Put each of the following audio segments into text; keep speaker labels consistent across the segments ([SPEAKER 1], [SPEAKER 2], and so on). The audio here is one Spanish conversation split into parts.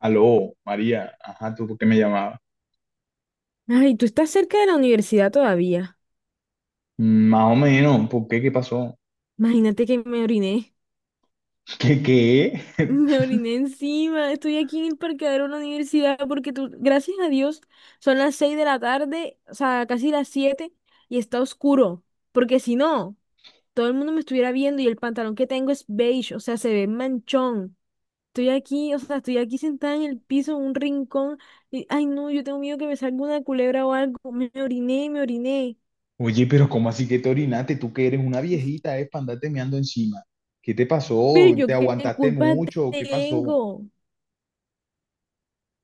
[SPEAKER 1] Aló, María, ajá, ¿tú por qué me llamabas?
[SPEAKER 2] Ay, tú estás cerca de la universidad todavía.
[SPEAKER 1] Mm, más o menos, ¿por qué? ¿Qué pasó?
[SPEAKER 2] Imagínate que me oriné.
[SPEAKER 1] ¿Qué qué?
[SPEAKER 2] Me oriné encima. Estoy aquí en el parqueadero de la universidad porque tú, gracias a Dios, son las 6 de la tarde, o sea, casi las 7, y está oscuro. Porque si no, todo el mundo me estuviera viendo y el pantalón que tengo es beige, o sea, se ve manchón. Estoy aquí, o sea, estoy aquí sentada en el piso, en un rincón. Y, ay, no, yo tengo miedo que me salga una culebra o algo. Me oriné, me oriné.
[SPEAKER 1] Oye, pero ¿cómo así que te orinaste? Tú que eres una viejita, es para andarte meando encima. ¿Qué te
[SPEAKER 2] Pero
[SPEAKER 1] pasó?
[SPEAKER 2] yo
[SPEAKER 1] ¿Te
[SPEAKER 2] qué
[SPEAKER 1] aguantaste
[SPEAKER 2] culpa
[SPEAKER 1] mucho? ¿Qué pasó?
[SPEAKER 2] tengo.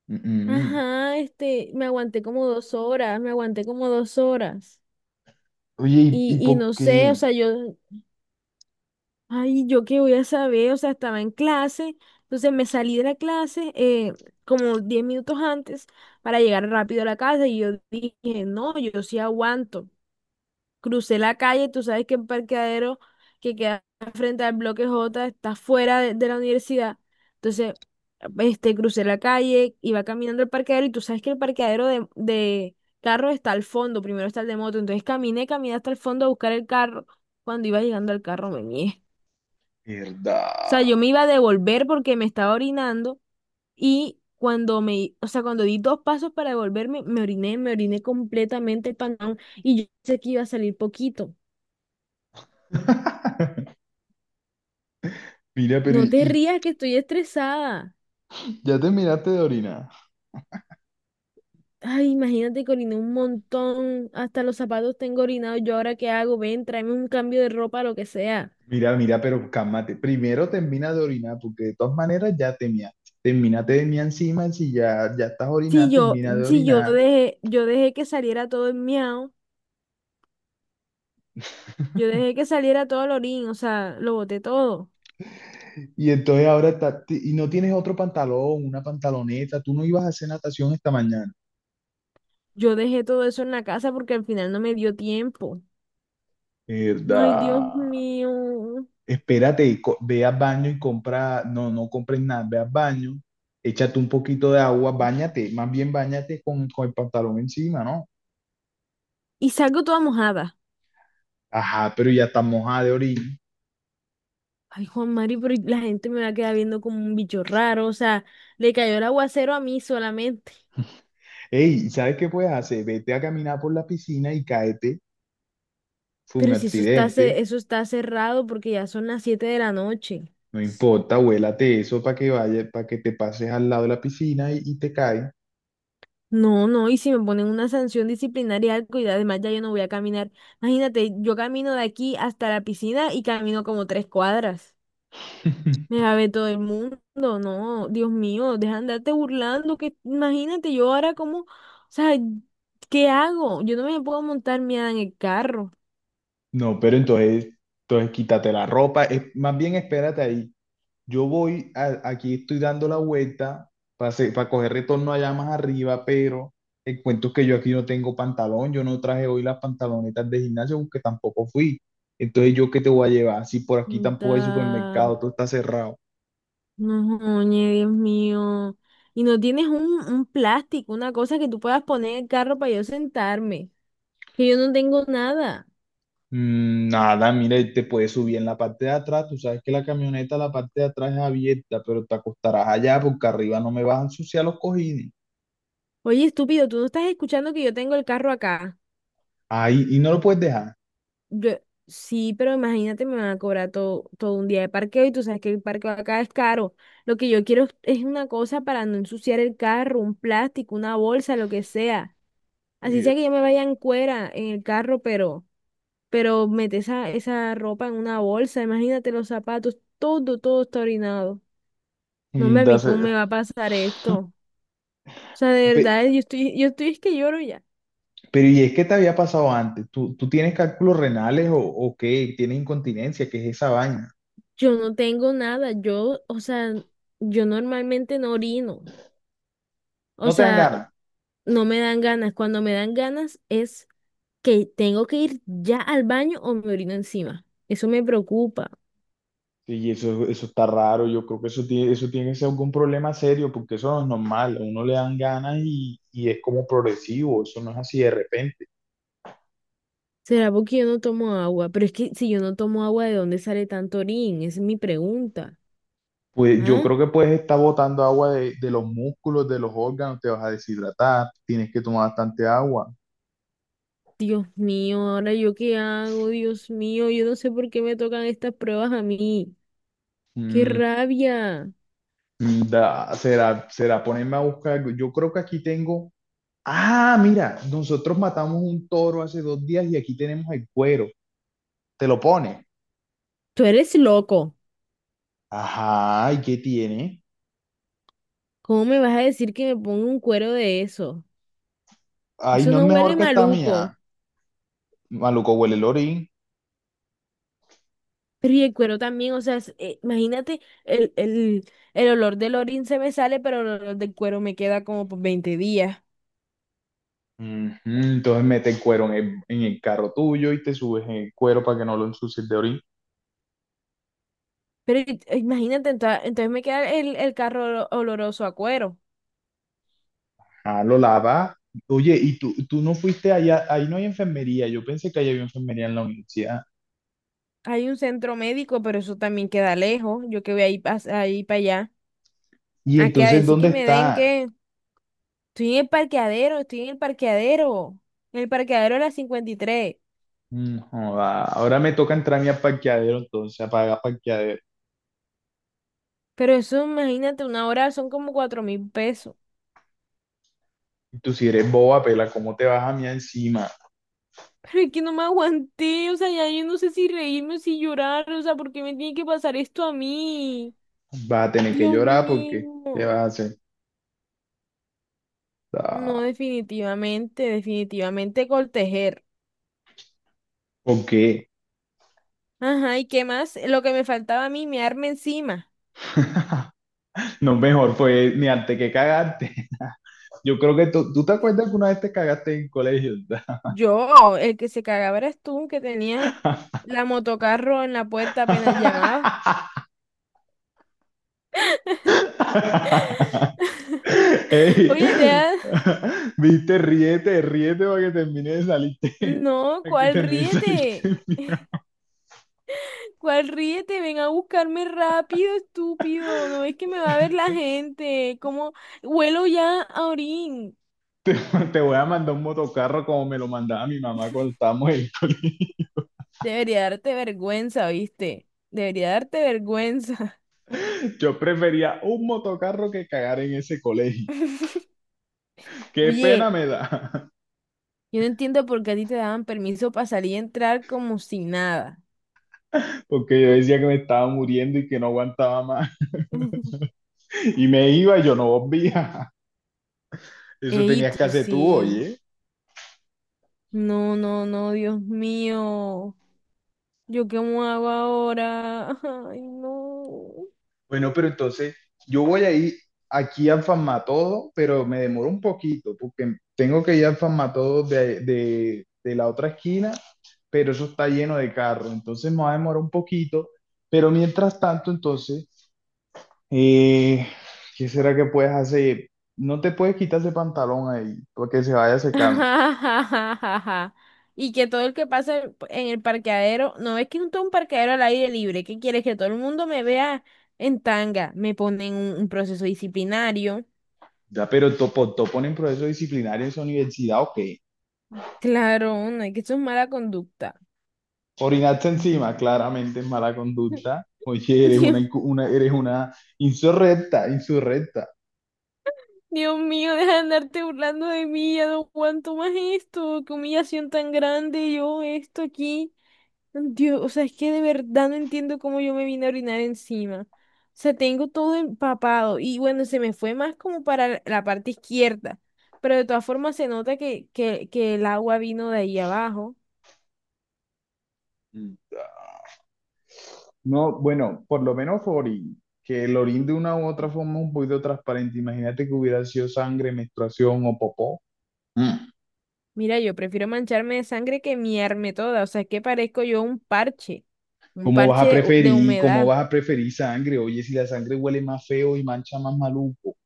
[SPEAKER 1] Mm, mm.
[SPEAKER 2] Ajá, este, me aguanté como 2 horas, me aguanté como 2 horas.
[SPEAKER 1] Oye, ¿y,
[SPEAKER 2] Y,
[SPEAKER 1] y
[SPEAKER 2] y
[SPEAKER 1] por
[SPEAKER 2] no sé, o
[SPEAKER 1] qué?
[SPEAKER 2] sea, yo, ay, yo qué voy a saber, o sea, estaba en clase, entonces me salí de la clase como 10 minutos antes para llegar rápido a la casa y yo dije, no, yo sí aguanto. Crucé la calle, tú sabes que el parqueadero que queda frente al bloque J está fuera de la universidad. Entonces, este, crucé la calle, iba caminando al parqueadero y tú sabes que el parqueadero de carro está al fondo, primero está el de moto. Entonces caminé, caminé hasta el fondo a buscar el carro. Cuando iba llegando al carro me mié. O sea,
[SPEAKER 1] ¿Verdad?
[SPEAKER 2] yo me iba a devolver porque me estaba orinando y cuando me, o sea, cuando di dos pasos para devolverme, me oriné completamente el pantalón y yo sé que iba a salir poquito.
[SPEAKER 1] Mira, pero
[SPEAKER 2] No te rías que estoy estresada.
[SPEAKER 1] y ya terminaste de orinar?
[SPEAKER 2] Ay, imagínate que oriné un montón. Hasta los zapatos tengo orinados. ¿Yo ahora qué hago? Ven, tráeme un cambio de ropa, lo que sea.
[SPEAKER 1] Mira, mira, pero cálmate. Primero termina de orinar, porque de todas maneras ya te mea. Termínate de mea encima, si ya, ya estás
[SPEAKER 2] Si
[SPEAKER 1] orinando,
[SPEAKER 2] yo,
[SPEAKER 1] termina de
[SPEAKER 2] si yo
[SPEAKER 1] orinar.
[SPEAKER 2] dejé, yo dejé que saliera todo el miau, yo dejé que saliera todo el orín, o sea, lo boté todo.
[SPEAKER 1] Y entonces ahora y no tienes otro pantalón, una pantaloneta, ¿tú no ibas a hacer natación esta mañana?
[SPEAKER 2] Yo dejé todo eso en la casa porque al final no me dio tiempo. Ay, Dios
[SPEAKER 1] Verdad.
[SPEAKER 2] mío.
[SPEAKER 1] Espérate, ve al baño y compra, no, no compres nada, ve al baño, échate un poquito de agua, báñate, más bien báñate con el pantalón encima, ¿no?
[SPEAKER 2] Y salgo toda mojada.
[SPEAKER 1] Ajá, pero ya está mojada de orina.
[SPEAKER 2] Ay, Juan Mario, pero la gente me va a quedar viendo como un bicho raro. O sea, le cayó el aguacero a mí solamente.
[SPEAKER 1] Ey, ¿sabes qué puedes hacer? Vete a caminar por la piscina y cáete, fue un
[SPEAKER 2] Pero si eso está,
[SPEAKER 1] accidente,
[SPEAKER 2] eso está cerrado porque ya son las 7 de la noche.
[SPEAKER 1] no importa, huélate eso para que vaya, para que te pases al lado de la piscina y te caes.
[SPEAKER 2] No, no, y si me ponen una sanción disciplinaria, algo, y además ya yo no voy a caminar. Imagínate, yo camino de aquí hasta la piscina y camino como 3 cuadras. Me va a ver todo el mundo, no, Dios mío, deja de andarte burlando, que imagínate yo ahora como, o sea, ¿qué hago? Yo no me puedo montar miedo en el carro.
[SPEAKER 1] No, pero entonces, entonces quítate la ropa. Es, más bien espérate ahí. Yo voy, aquí estoy dando la vuelta para coger retorno allá más arriba, pero el cuento es que yo aquí no tengo pantalón. Yo no traje hoy las pantalonetas de gimnasio porque tampoco fui. Entonces, ¿yo qué te voy a llevar? Si por aquí tampoco hay
[SPEAKER 2] Da.
[SPEAKER 1] supermercado, todo está cerrado.
[SPEAKER 2] No, oye, Dios mío. Y no tienes un plástico, una cosa que tú puedas poner en el carro para yo sentarme. Que yo no tengo nada.
[SPEAKER 1] Mm, nada, mire, te puedes subir en la parte de atrás. Tú sabes que la camioneta, la parte de atrás es abierta, pero te acostarás allá porque arriba no me vas a ensuciar los cojines.
[SPEAKER 2] Oye, estúpido, tú no estás escuchando que yo tengo el carro acá.
[SPEAKER 1] Ahí, ¿y no lo puedes dejar?
[SPEAKER 2] Yo, sí, pero imagínate, me van a cobrar todo, todo un día de parqueo y tú sabes que el parqueo acá es caro. Lo que yo quiero es una cosa para no ensuciar el carro, un plástico, una bolsa, lo que sea. Así
[SPEAKER 1] Sí,
[SPEAKER 2] sea que yo me vaya en cuera en el carro, pero. Pero mete esa ropa en una bolsa, imagínate los zapatos, todo, todo está orinado. No, hombre,
[SPEAKER 1] mm,
[SPEAKER 2] a mí cómo me va a pasar esto. O sea, de
[SPEAKER 1] pe-
[SPEAKER 2] verdad, yo estoy, es que lloro ya.
[SPEAKER 1] pero ¿y es que te había pasado antes? ¿Tú tienes cálculos renales o qué? ¿Tienes incontinencia? ¿Qué es esa vaina?
[SPEAKER 2] Yo no tengo nada, yo, o sea, yo normalmente no orino. O
[SPEAKER 1] ¿No te dan
[SPEAKER 2] sea,
[SPEAKER 1] ganas?
[SPEAKER 2] no me dan ganas. Cuando me dan ganas es que tengo que ir ya al baño o me orino encima. Eso me preocupa.
[SPEAKER 1] Sí, eso está raro. Yo creo que eso tiene que ser algún problema serio porque eso no es normal. A uno le dan ganas y es como progresivo. Eso no es así de repente.
[SPEAKER 2] ¿Será porque yo no tomo agua? Pero es que si yo no tomo agua, ¿de dónde sale tanto orín? Esa es mi pregunta.
[SPEAKER 1] Pues yo
[SPEAKER 2] ¿Ah?
[SPEAKER 1] creo que puedes estar botando agua de los músculos, de los órganos, te vas a deshidratar, tienes que tomar bastante agua.
[SPEAKER 2] Dios mío, ahora yo qué hago, Dios mío, yo no sé por qué me tocan estas pruebas a mí. ¡Qué
[SPEAKER 1] Mm,
[SPEAKER 2] rabia!
[SPEAKER 1] será, será ponerme a buscar algo. Yo creo que aquí tengo. Ah, mira, nosotros matamos un toro hace dos días y aquí tenemos el cuero. ¿Te lo pones?
[SPEAKER 2] Tú eres loco.
[SPEAKER 1] Ajá, ¿y qué tiene?
[SPEAKER 2] ¿Cómo me vas a decir que me ponga un cuero de eso?
[SPEAKER 1] Ay,
[SPEAKER 2] Eso
[SPEAKER 1] no es
[SPEAKER 2] no huele
[SPEAKER 1] mejor que esta
[SPEAKER 2] maluco.
[SPEAKER 1] mía. Maluco huele el orín.
[SPEAKER 2] Pero y el cuero también, o sea, imagínate, el olor del orín se me sale, pero el olor del cuero me queda como por 20 días.
[SPEAKER 1] Ujú. Entonces mete el cuero en el carro tuyo y te subes en el cuero para que no lo ensucies de orín.
[SPEAKER 2] Pero imagínate, entonces, me queda el carro oloroso a cuero.
[SPEAKER 1] Ah, lo lava. Oye, ¿y tú no fuiste allá? Ahí no hay enfermería. Yo pensé que ahí había enfermería en la universidad.
[SPEAKER 2] Hay un centro médico, pero eso también queda lejos. Yo que voy ahí, ahí para allá.
[SPEAKER 1] ¿Y
[SPEAKER 2] A que a
[SPEAKER 1] entonces
[SPEAKER 2] decir que
[SPEAKER 1] dónde
[SPEAKER 2] me den que
[SPEAKER 1] está?
[SPEAKER 2] estoy en el parqueadero, estoy en el parqueadero. En el parqueadero a las 53.
[SPEAKER 1] Mm, joda. Ahora me toca entrar a mi parqueadero, entonces apaga parqueadero.
[SPEAKER 2] Pero eso, imagínate, una hora son como 4.000 pesos.
[SPEAKER 1] Tú si eres boba, pela, ¿cómo te vas a mí encima?
[SPEAKER 2] Pero es que no me aguanté, o sea, ya yo no sé si reírme o si llorar, o sea, ¿por qué me tiene que pasar esto a mí?
[SPEAKER 1] Vas a tener que
[SPEAKER 2] Dios
[SPEAKER 1] llorar porque te vas a
[SPEAKER 2] mío.
[SPEAKER 1] hacer.
[SPEAKER 2] No,
[SPEAKER 1] Ah.
[SPEAKER 2] definitivamente, definitivamente coltejer.
[SPEAKER 1] ¿Por qué?
[SPEAKER 2] Ajá, ¿y qué más? Lo que me faltaba a mí, me arma encima.
[SPEAKER 1] No, mejor pues ni antes que cagarte. Yo creo que tú, ¿tú te acuerdas que una vez te cagaste en colegio?
[SPEAKER 2] Yo, el que se cagaba eras tú, que tenías la motocarro en la puerta apenas llamaba.
[SPEAKER 1] Ey,
[SPEAKER 2] Oye, Dea,
[SPEAKER 1] viste, ríete, ríete para que termine de salirte,
[SPEAKER 2] no,
[SPEAKER 1] para que
[SPEAKER 2] ¿cuál
[SPEAKER 1] termine de salirte.
[SPEAKER 2] ríete? ¿Cuál ríete? Ven a buscarme rápido, estúpido. No ves que me va a ver la gente. ¿Cómo? Huelo ya a orín.
[SPEAKER 1] Te, te voy a mandar un motocarro como me lo mandaba mi mamá cuando estábamos en…
[SPEAKER 2] Debería darte vergüenza, ¿viste? Debería darte vergüenza.
[SPEAKER 1] Yo prefería un motocarro que cagar en ese colegio. Qué pena
[SPEAKER 2] Oye,
[SPEAKER 1] me da.
[SPEAKER 2] yo no entiendo por qué a ti te daban permiso para salir y entrar como si nada.
[SPEAKER 1] Porque yo decía que me estaba muriendo y que no aguantaba más. Y me iba y yo no volvía. Eso
[SPEAKER 2] Ey,
[SPEAKER 1] tenías que
[SPEAKER 2] tú
[SPEAKER 1] hacer tú,
[SPEAKER 2] sí.
[SPEAKER 1] oye.
[SPEAKER 2] No, no, no, Dios mío. ¿Yo qué me hago ahora? Ay, no.
[SPEAKER 1] Bueno, pero entonces yo voy a ir aquí al Farmatodo, pero me demoro un poquito porque tengo que ir al Farmatodo de la otra esquina, pero eso está lleno de carros, entonces me va a demorar un poquito. Pero mientras tanto, entonces, eh, ¿qué será que puedes hacer? No te puedes quitar ese pantalón ahí porque se vaya secando.
[SPEAKER 2] Y que todo el que pasa en el parqueadero, no es que un parqueadero al aire libre, ¿qué quieres? Que todo el mundo me vea en tanga, me ponen un proceso disciplinario.
[SPEAKER 1] Ya, pero topo, topo en proceso disciplinario en su universidad, ok.
[SPEAKER 2] Claro, no, es que eso es mala conducta.
[SPEAKER 1] Orinaste encima, claramente es mala conducta. Oye, eres una,
[SPEAKER 2] Dios.
[SPEAKER 1] una, eres una insurrecta, insurrecta.
[SPEAKER 2] Dios mío, deja de andarte burlando de mí, ya no aguanto más esto, qué humillación tan grande, yo esto aquí. Dios, o sea, es que de verdad no entiendo cómo yo me vine a orinar encima. O sea, tengo todo empapado y bueno, se me fue más como para la parte izquierda, pero de todas formas se nota que el agua vino de ahí abajo.
[SPEAKER 1] Mm. No, bueno, por lo menos fue orín, que el orín de una u otra forma es un poquito transparente. Imagínate que hubiera sido sangre, menstruación o popó.
[SPEAKER 2] Mira, yo prefiero mancharme de sangre que miarme toda, o sea, es que parezco yo un
[SPEAKER 1] ¿Cómo vas
[SPEAKER 2] parche
[SPEAKER 1] a
[SPEAKER 2] de, de
[SPEAKER 1] preferir, cómo
[SPEAKER 2] humedad.
[SPEAKER 1] vas a preferir sangre? Oye, si la sangre huele más feo y mancha más maluco.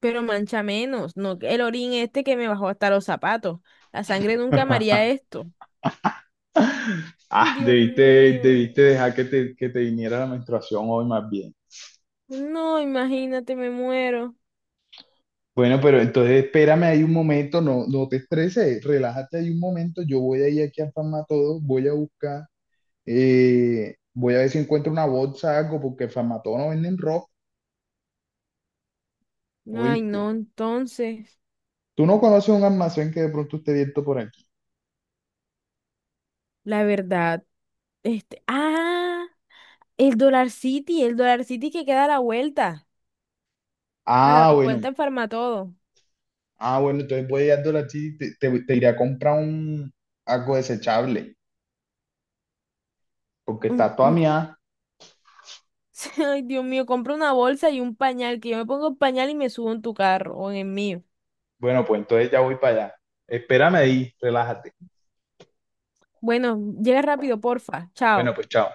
[SPEAKER 2] Pero mancha menos, no el orín este que me bajó hasta los zapatos. La sangre nunca amaría esto.
[SPEAKER 1] Ah,
[SPEAKER 2] Dios
[SPEAKER 1] debiste, debiste
[SPEAKER 2] mío.
[SPEAKER 1] dejar que te viniera la menstruación hoy más bien.
[SPEAKER 2] No, imagínate, me muero.
[SPEAKER 1] Bueno, pero entonces espérame ahí un momento, no, no te estreses, relájate ahí un momento, yo voy a ir aquí a Famatodo, voy a buscar, voy a ver si encuentro una bolsa, algo, porque Famatodo no venden ropa,
[SPEAKER 2] Ay,
[SPEAKER 1] ¿oíste?
[SPEAKER 2] no, entonces,
[SPEAKER 1] Tú no conoces un almacén que de pronto esté abierto por aquí.
[SPEAKER 2] la verdad, este, ah, el Dollar City que queda a la
[SPEAKER 1] Ah,
[SPEAKER 2] vuelta
[SPEAKER 1] bueno.
[SPEAKER 2] en Farmatodo.
[SPEAKER 1] Ah, bueno, entonces voy a ir así, te iré a comprar un, algo desechable, porque está
[SPEAKER 2] Un-
[SPEAKER 1] toda
[SPEAKER 2] un-
[SPEAKER 1] mía.
[SPEAKER 2] Ay, Dios mío, compra una bolsa y un pañal, que yo me pongo el pañal y me subo en tu carro o en el mío.
[SPEAKER 1] Bueno, pues entonces ya voy para allá. Espérame ahí, relájate.
[SPEAKER 2] Bueno, llega rápido, porfa.
[SPEAKER 1] Bueno,
[SPEAKER 2] Chao.
[SPEAKER 1] pues chao.